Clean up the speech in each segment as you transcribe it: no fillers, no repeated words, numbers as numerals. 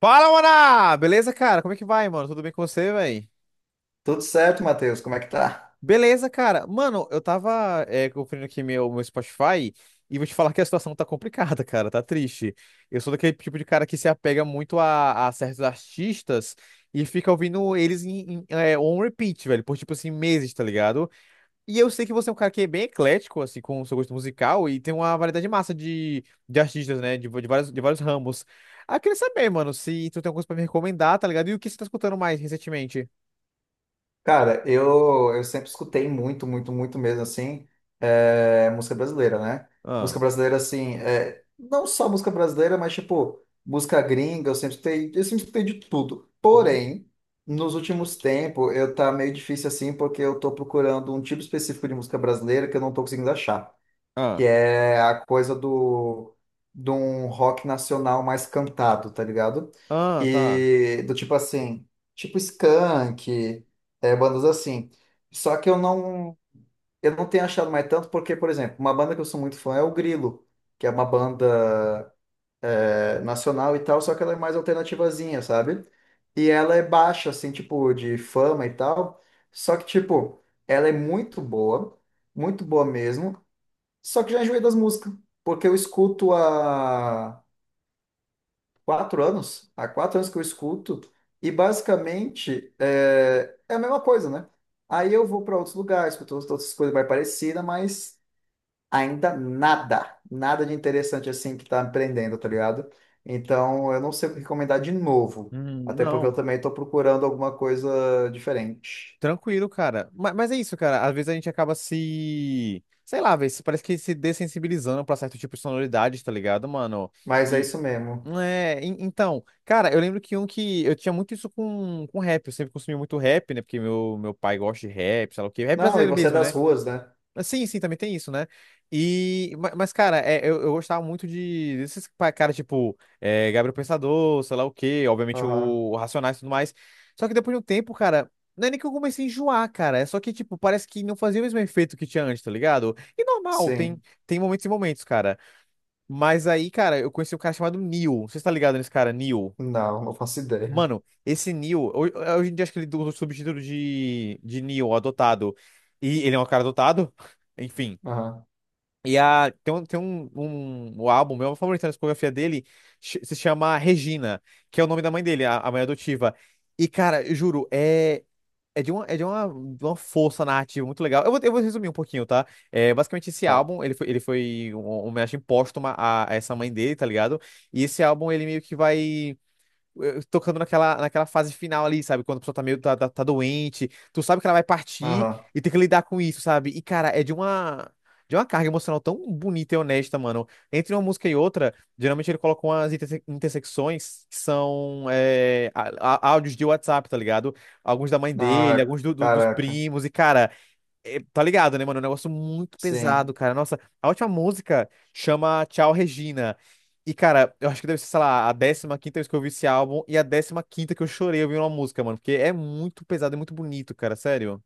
Fala, Maná! Beleza, cara? Como é que vai, mano? Tudo bem com você, véi? Tudo certo, Matheus? Como é que tá? Beleza, cara. Mano, eu tava conferindo aqui meu Spotify e vou te falar que a situação tá complicada, cara. Tá triste. Eu sou daquele tipo de cara que se apega muito a certos artistas e fica ouvindo eles em on repeat, velho, por tipo assim, meses, tá ligado? E eu sei que você é um cara que é bem eclético, assim, com o seu gosto musical, e tem uma variedade massa de artistas, né? De vários ramos. Ah, queria saber, mano, se tu tem alguma coisa pra me recomendar, tá ligado? E o que você tá escutando mais recentemente? Cara, eu sempre escutei muito, muito, muito mesmo, assim, música brasileira, né? Ah, Música brasileira, assim, é, não só música brasileira, mas, tipo, música gringa, eu sempre escutei de tudo. uhum. Porém, nos últimos tempos, eu tá meio difícil, assim, porque eu tô procurando um tipo específico de música brasileira que eu não tô conseguindo achar. Que Ah, é a coisa do de um rock nacional mais cantado, tá ligado? ah, tá. E do tipo assim, tipo Skank, é, bandas assim. Só que eu não tenho achado mais tanto porque, por exemplo, uma banda que eu sou muito fã é o Grilo, que é uma banda é, nacional e tal, só que ela é mais alternativazinha, sabe? E ela é baixa assim, tipo de fama e tal, só que tipo, ela é muito boa mesmo. Só que já enjoei das músicas, porque eu escuto há quatro anos que eu escuto, e basicamente é a mesma coisa, né? Aí eu vou para outros lugares, escuto outras coisas mais parecidas, mas ainda nada, nada de interessante assim que tá me prendendo, tá ligado? Então eu não sei o que recomendar de novo, até porque eu Não. também tô procurando alguma coisa diferente. Tranquilo, cara. Mas é isso, cara. Às vezes a gente acaba se. Sei lá, velho. Parece que se dessensibilizando pra certo tipo de sonoridade, tá ligado, mano? Mas é E, isso mesmo. então, cara, eu lembro que um que eu tinha muito isso com rap, eu sempre consumi muito rap, né? Porque meu pai gosta de rap, sei lá o quê, rap Não, e brasileiro você é mesmo, das né? ruas, né? Mas sim, sim, também tem isso, né? Mas, cara, eu gostava muito de caras tipo Gabriel Pensador, sei lá o quê, obviamente o, Aham, o Racionais e tudo mais. Só que depois de um tempo, cara, não é nem que eu comecei a enjoar, cara, é só que, tipo, parece que não fazia o mesmo efeito que tinha antes, tá ligado? E normal, tem, sim. tem momentos e momentos, cara. Mas aí, cara, eu conheci um cara chamado Neil. Você tá ligado nesse cara, Neil? Não, não faço ideia. Mano, esse Neil, hoje em dia acho que ele usa o subtítulo de Neil, adotado. E ele é um cara adotado? Enfim. Aham, Tem um álbum, meu favorito na discografia dele, se chama Regina, que é o nome da mãe dele, a mãe adotiva. E, cara, eu juro, é, é de uma força narrativa muito legal. Eu vou resumir um pouquinho, tá? Basicamente, esse tá. álbum, ele foi uma homenagem póstuma a essa mãe dele, tá ligado? E esse álbum, ele meio que vai tocando naquela fase final ali, sabe? Quando a pessoa tá meio doente, tu sabe que ela vai partir Aham. e tem que lidar com isso, sabe? E, cara, De uma carga emocional tão bonita e honesta, mano. Entre uma música e outra, geralmente ele coloca umas intersecções que são áudios de WhatsApp, tá ligado? Alguns da mãe Ah, dele, alguns dos caraca. primos. E, cara, é, tá ligado, né, mano? É um negócio muito Sim. pesado, cara. Nossa, a última música chama Tchau Regina. E, cara, eu acho que deve ser, sei lá, a 15ª vez que eu ouvi esse álbum e a 15ª que eu chorei ouvindo uma música, mano. Porque é muito pesado e muito bonito, cara, sério.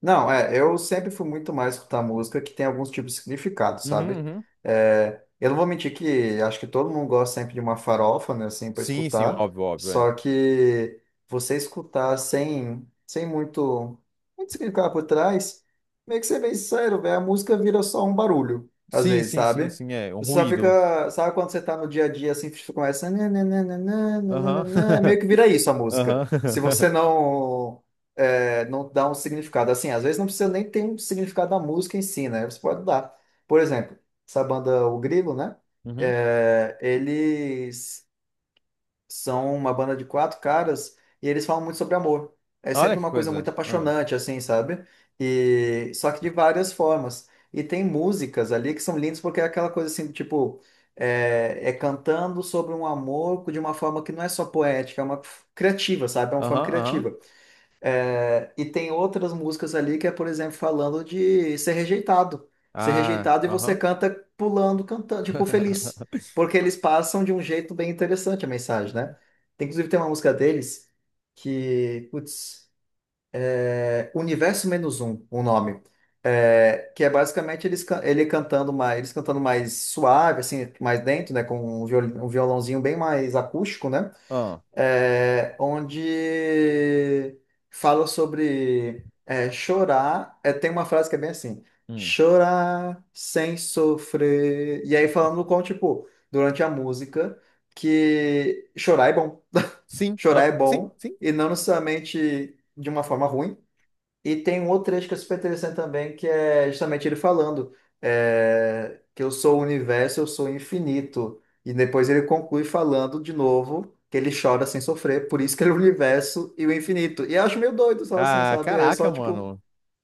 Não, é, eu sempre fui muito mais escutar música que tem alguns tipos de significado, Uhum, sabe? uhum. É, eu não vou mentir que acho que todo mundo gosta sempre de uma farofa, né, assim, para Sim, sim, escutar, óbvio, óbvio, é. só que você escutar sem, sem muito, muito significado por trás, meio que ser bem sincero, velho, a música vira só um barulho, às Sim, vezes, sim, sim, sabe? sim, é. Um Você só ruído. fica, sabe quando você tá no dia a dia, assim, você começa, nananana, Aham. nananana, meio que vira isso a música. Aham. Se você não é, não dá um significado. Assim, às vezes não precisa nem ter um significado da música em si, né? Você pode dar. Por exemplo, essa banda O Grilo, né? Uhum. É, eles são uma banda de quatro caras e eles falam muito sobre amor. É Olha sempre que uma coisa muito coisa. Ah. apaixonante, assim, sabe? E só que de várias formas. E tem músicas ali que são lindas porque é aquela coisa assim, tipo, é cantando sobre um amor de uma forma que não é só poética, é uma criativa, sabe? É uma forma Aham, aham. criativa. E tem outras músicas ali que é, por exemplo, falando de ser rejeitado. Ser Ah, rejeitado e você aham. canta pulando, cantando, tipo, feliz. Porque eles passam de um jeito bem interessante a mensagem, né? Uhum. Tem, inclusive, tem uma música deles que, putz, é Universo Menos Um, o nome. É, que é basicamente eles, ele cantando mais, eles cantando mais suave, assim, mais dentro, né? Com um um violãozinho bem mais acústico, né? Ah. É, onde fala sobre é, chorar. É, tem uma frase que é bem assim: Hum. chorar sem sofrer. E aí falando com, tipo, durante a música, que chorar é bom. Sim, Chorar é ah, sim, bom, sim. e não necessariamente de uma forma ruim. E tem um outro trecho que é super interessante também, que é justamente ele falando é, que eu sou o universo, eu sou o infinito. E depois ele conclui falando de novo que ele chora sem sofrer, por isso que ele é o universo e o infinito. E eu acho meio doido só assim, Ah, sabe? É caraca, só tipo, mano.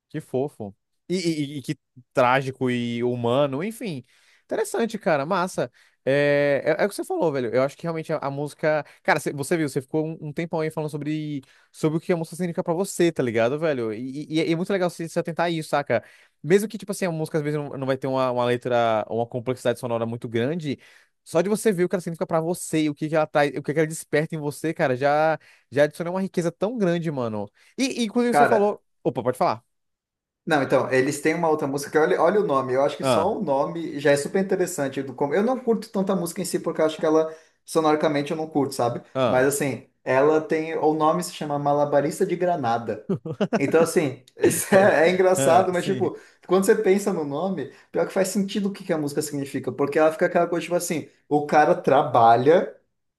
Que fofo. E que trágico e humano, enfim. Interessante, cara, massa. É o que você falou, velho. Eu acho que realmente a música. Cara, você viu, você ficou um tempão aí falando sobre o que a música significa pra você, tá ligado, velho? E é muito legal você se atentar a isso, saca? Mesmo que, tipo assim, a música às vezes não vai ter uma letra, uma complexidade sonora muito grande, só de você ver o que ela significa pra você e o que, que ela traz, o que, que ela desperta em você, cara, já, já adiciona uma riqueza tão grande, mano. E inclusive, você cara. falou. Opa, pode falar. Não, então, eles têm uma outra música que olha, olha o nome. Eu acho que só Ah, o nome já é super interessante. Eu não curto tanta música em si, porque eu acho que ela, sonoricamente, eu não curto, sabe? ah. Mas assim, ela tem. O nome se chama Malabarista de Granada. Então, assim, isso é, é Ah, engraçado, mas, sim. tipo, quando você pensa no nome, pior que faz sentido o que que a música significa, porque ela fica aquela coisa, tipo assim, o cara trabalha,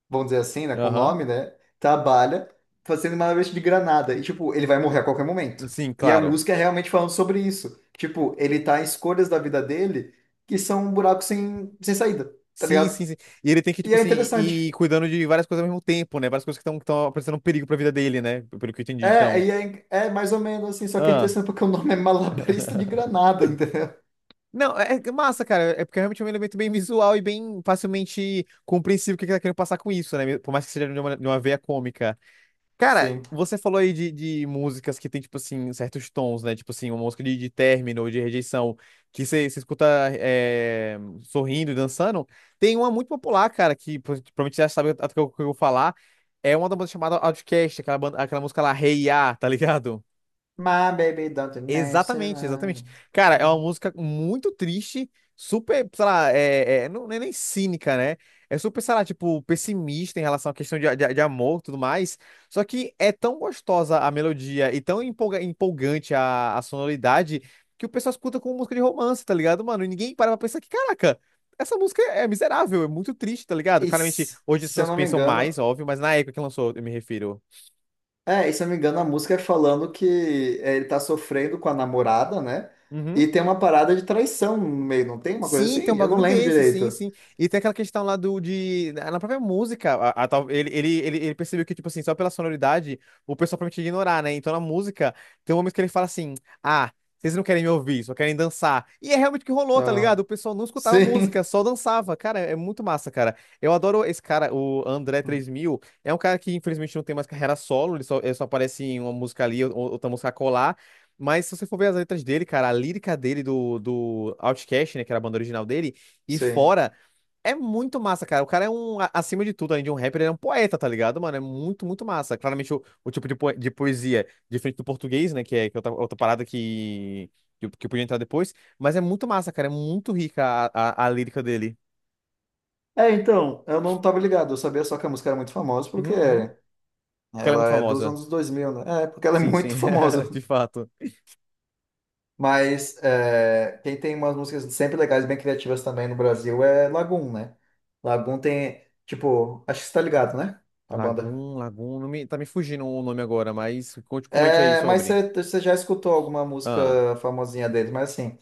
vamos dizer assim, né, com o Aham. nome, né, trabalha fazendo uma vez de granada, e, tipo, ele vai morrer a qualquer momento. Sim, E a claro. música é realmente falando sobre isso. Tipo, ele tá em escolhas da vida dele que são um buraco sem, sem saída, tá Sim, ligado? sim, sim. E ele tem que, E tipo é assim, interessante. ir cuidando de várias coisas ao mesmo tempo, né? Várias coisas que estão apresentando um perigo pra vida dele, né? Pelo que eu entendi, então. É mais ou menos assim, só que é Ah. interessante porque o nome é Malabarista de Granada, entendeu? Não, é massa, cara. É porque realmente um elemento bem visual e bem facilmente compreensível o que ele tá querendo passar com isso, né? Por mais que seja de uma veia cômica. Cara, Sim. você falou aí de músicas que tem, tipo assim, certos tons, né? Tipo assim, uma música de término, ou de rejeição, que você escuta sorrindo e dançando. Tem uma muito popular, cara, que provavelmente você já sabe o que eu vou falar. É uma da banda chamada Outcast, aquela, aquela música lá, Hey Ya, tá ligado? My baby don't mess Exatamente, exatamente. around. Cara, é uma música muito triste, super, sei lá, não é nem cínica, né? É super, sei lá, tipo, pessimista em relação à questão de amor e tudo mais. Só que é tão gostosa a melodia e tão empolgante a sonoridade que o pessoal escuta como música de romance, tá ligado, mano? E ninguém para pra pensar que, caraca, essa música é miserável, é muito triste, tá ligado? E, Claramente, hoje as pessoas pensam mais, óbvio, mas na época que lançou, eu me refiro. Se eu não me engano, a música é falando que é, ele tá sofrendo com a namorada, né? E Uhum. tem uma parada de traição no meio, não tem uma coisa Sim, tem assim? um Eu não bagulho lembro desse, sim, direito. sim. E tem aquela questão lá do de. Na própria música, a tal- ele percebeu que, tipo assim, só pela sonoridade, o pessoal promete ignorar, né? Então na música, tem um momento que ele fala assim: ah, vocês não querem me ouvir, só querem dançar. E é realmente o que rolou, tá ligado? O Aham. pessoal não escutava Sim, música, só dançava. Cara, é muito massa, cara. Eu adoro esse cara, o André três mil É um cara que, infelizmente, não tem mais carreira solo, ele só aparece em uma música ali, ou outra música colar, mas se você for ver as letras dele, cara, a lírica dele do Outcast, né, que era a banda original dele, e sim. fora, é muito massa, cara. O cara é, acima de tudo, além de um rapper, ele é um poeta, tá ligado, mano? É muito, muito massa. Claramente o tipo de poesia diferente do português, né, que é outra parada que eu podia entrar depois, mas é muito massa, cara. É muito rica a lírica dele. É, então, eu não tava ligado, eu sabia só que a música era muito famosa porque Uhum, uhum. Porque ela é muito ela é dos famosa. anos 2000, né? É, porque ela é Sim, sim, muito famosa. de fato. Mas é, quem tem umas músicas sempre legais, bem criativas também no Brasil é Lagoon, né? Lagoon tem, tipo, acho que você tá ligado, né? A banda. Lagoon, Lagoon, não me, tá me fugindo o nome agora, mas comente aí É, mas sobre. Você já escutou alguma Ah. música famosinha deles, mas assim,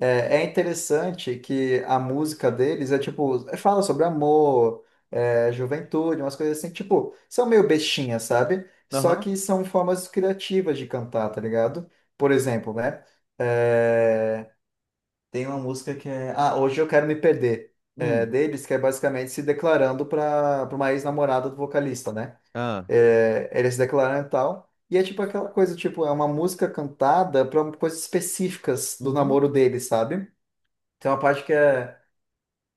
é interessante que a música deles é tipo, é, fala sobre amor, é, juventude, umas coisas assim, tipo, são meio bestinhas, sabe? Só Aham. que são formas criativas de cantar, tá ligado? Por exemplo, né? É, tem uma música que é. Ah, hoje eu quero me perder. É Hum. deles, que é basicamente se declarando para uma ex-namorada do vocalista, né? Ah. É, eles se declaram e tal. E é tipo aquela coisa, tipo, é uma música cantada para coisas específicas do Uhum. namoro deles, sabe? Tem uma parte que é,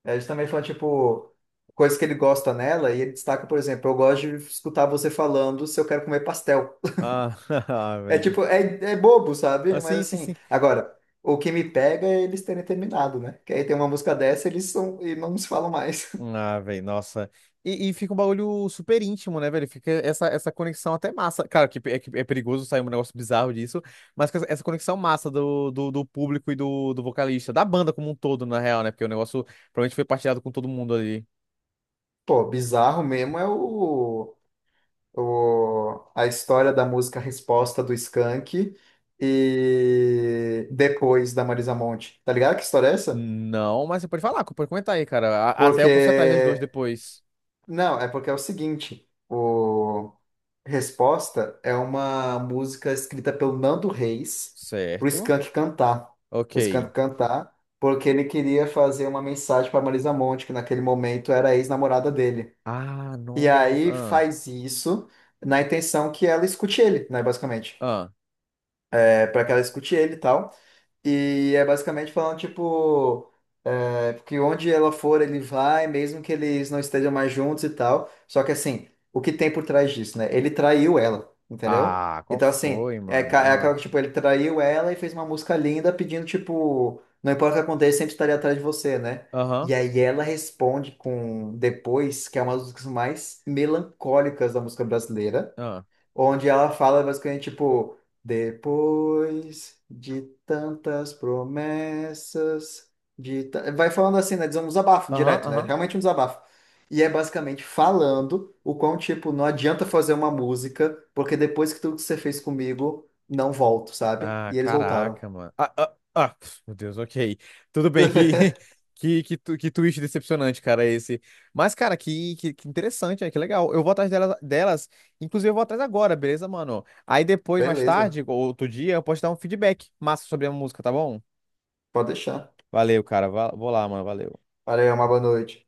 é justamente falando, tipo, coisas que ele gosta nela, e ele destaca, por exemplo, eu gosto de escutar você falando se eu quero comer pastel. Ah, ah, É velho. Tipo, é, é bobo, sabe? Ah, Mas sim, sim, assim, sim. agora, o que me pega é eles terem terminado, né? Que aí tem uma música dessa, eles são e não se falam mais. Ah, velho, nossa. E fica um bagulho super íntimo, né, velho? Fica essa conexão até massa. Claro que é perigoso sair um negócio bizarro disso, mas com essa conexão massa do público e do vocalista, da banda como um todo, na real, né? Porque o negócio provavelmente foi partilhado com todo mundo ali. Pô, bizarro mesmo é o a história da música Resposta do Skank e depois da Marisa Monte. Tá ligado que história é essa? Não, mas você pode falar, pode comentar aí, cara. Até Porque eu posso ir atrás das duas depois. Não, é porque é o seguinte, o Resposta é uma música escrita pelo Nando Reis pro Certo. Skank cantar. Ok. O Skank cantar, porque ele queria fazer uma mensagem para Marisa Monte, que naquele momento era a ex-namorada dele. Ah, E aí nossa. faz isso na intenção que ela escute ele, né, basicamente Ah, ah. Para que ela escute ele e tal. E é basicamente falando, tipo, é, que onde ela for, ele vai, mesmo que eles não estejam mais juntos e tal. Só que, assim, o que tem por trás disso, né? Ele traiu ela, entendeu? Ah, qual Então, assim, foi, mano? É Ah, aquela que, tipo, ele traiu ela e fez uma música linda pedindo, tipo, não importa o que aconteça, sempre estarei atrás de você, né? E aham, aí ela responde com Depois, que é uma das músicas mais melancólicas da música brasileira ah, onde ela fala basicamente tipo, depois de tantas promessas, vai falando assim, né? Diz um desabafo aham, direto, né? aham. Realmente um desabafo. E é basicamente falando o quão, tipo, não adianta fazer uma música, porque depois que tudo que você fez comigo, não volto, sabe? Ah, E eles voltaram. caraca, mano. Ah, ah, ah, pf, meu Deus, ok. Tudo bem, que twist decepcionante, cara, esse. Mas, cara, que interessante, né? Que legal. Eu vou atrás delas, inclusive eu vou atrás agora, beleza, mano? Aí depois, mais Beleza, tarde, ou outro dia, eu posso dar um feedback massa sobre a música, tá bom? pode deixar. Valeu, cara. Vou lá, mano. Valeu. Valeu, uma boa noite.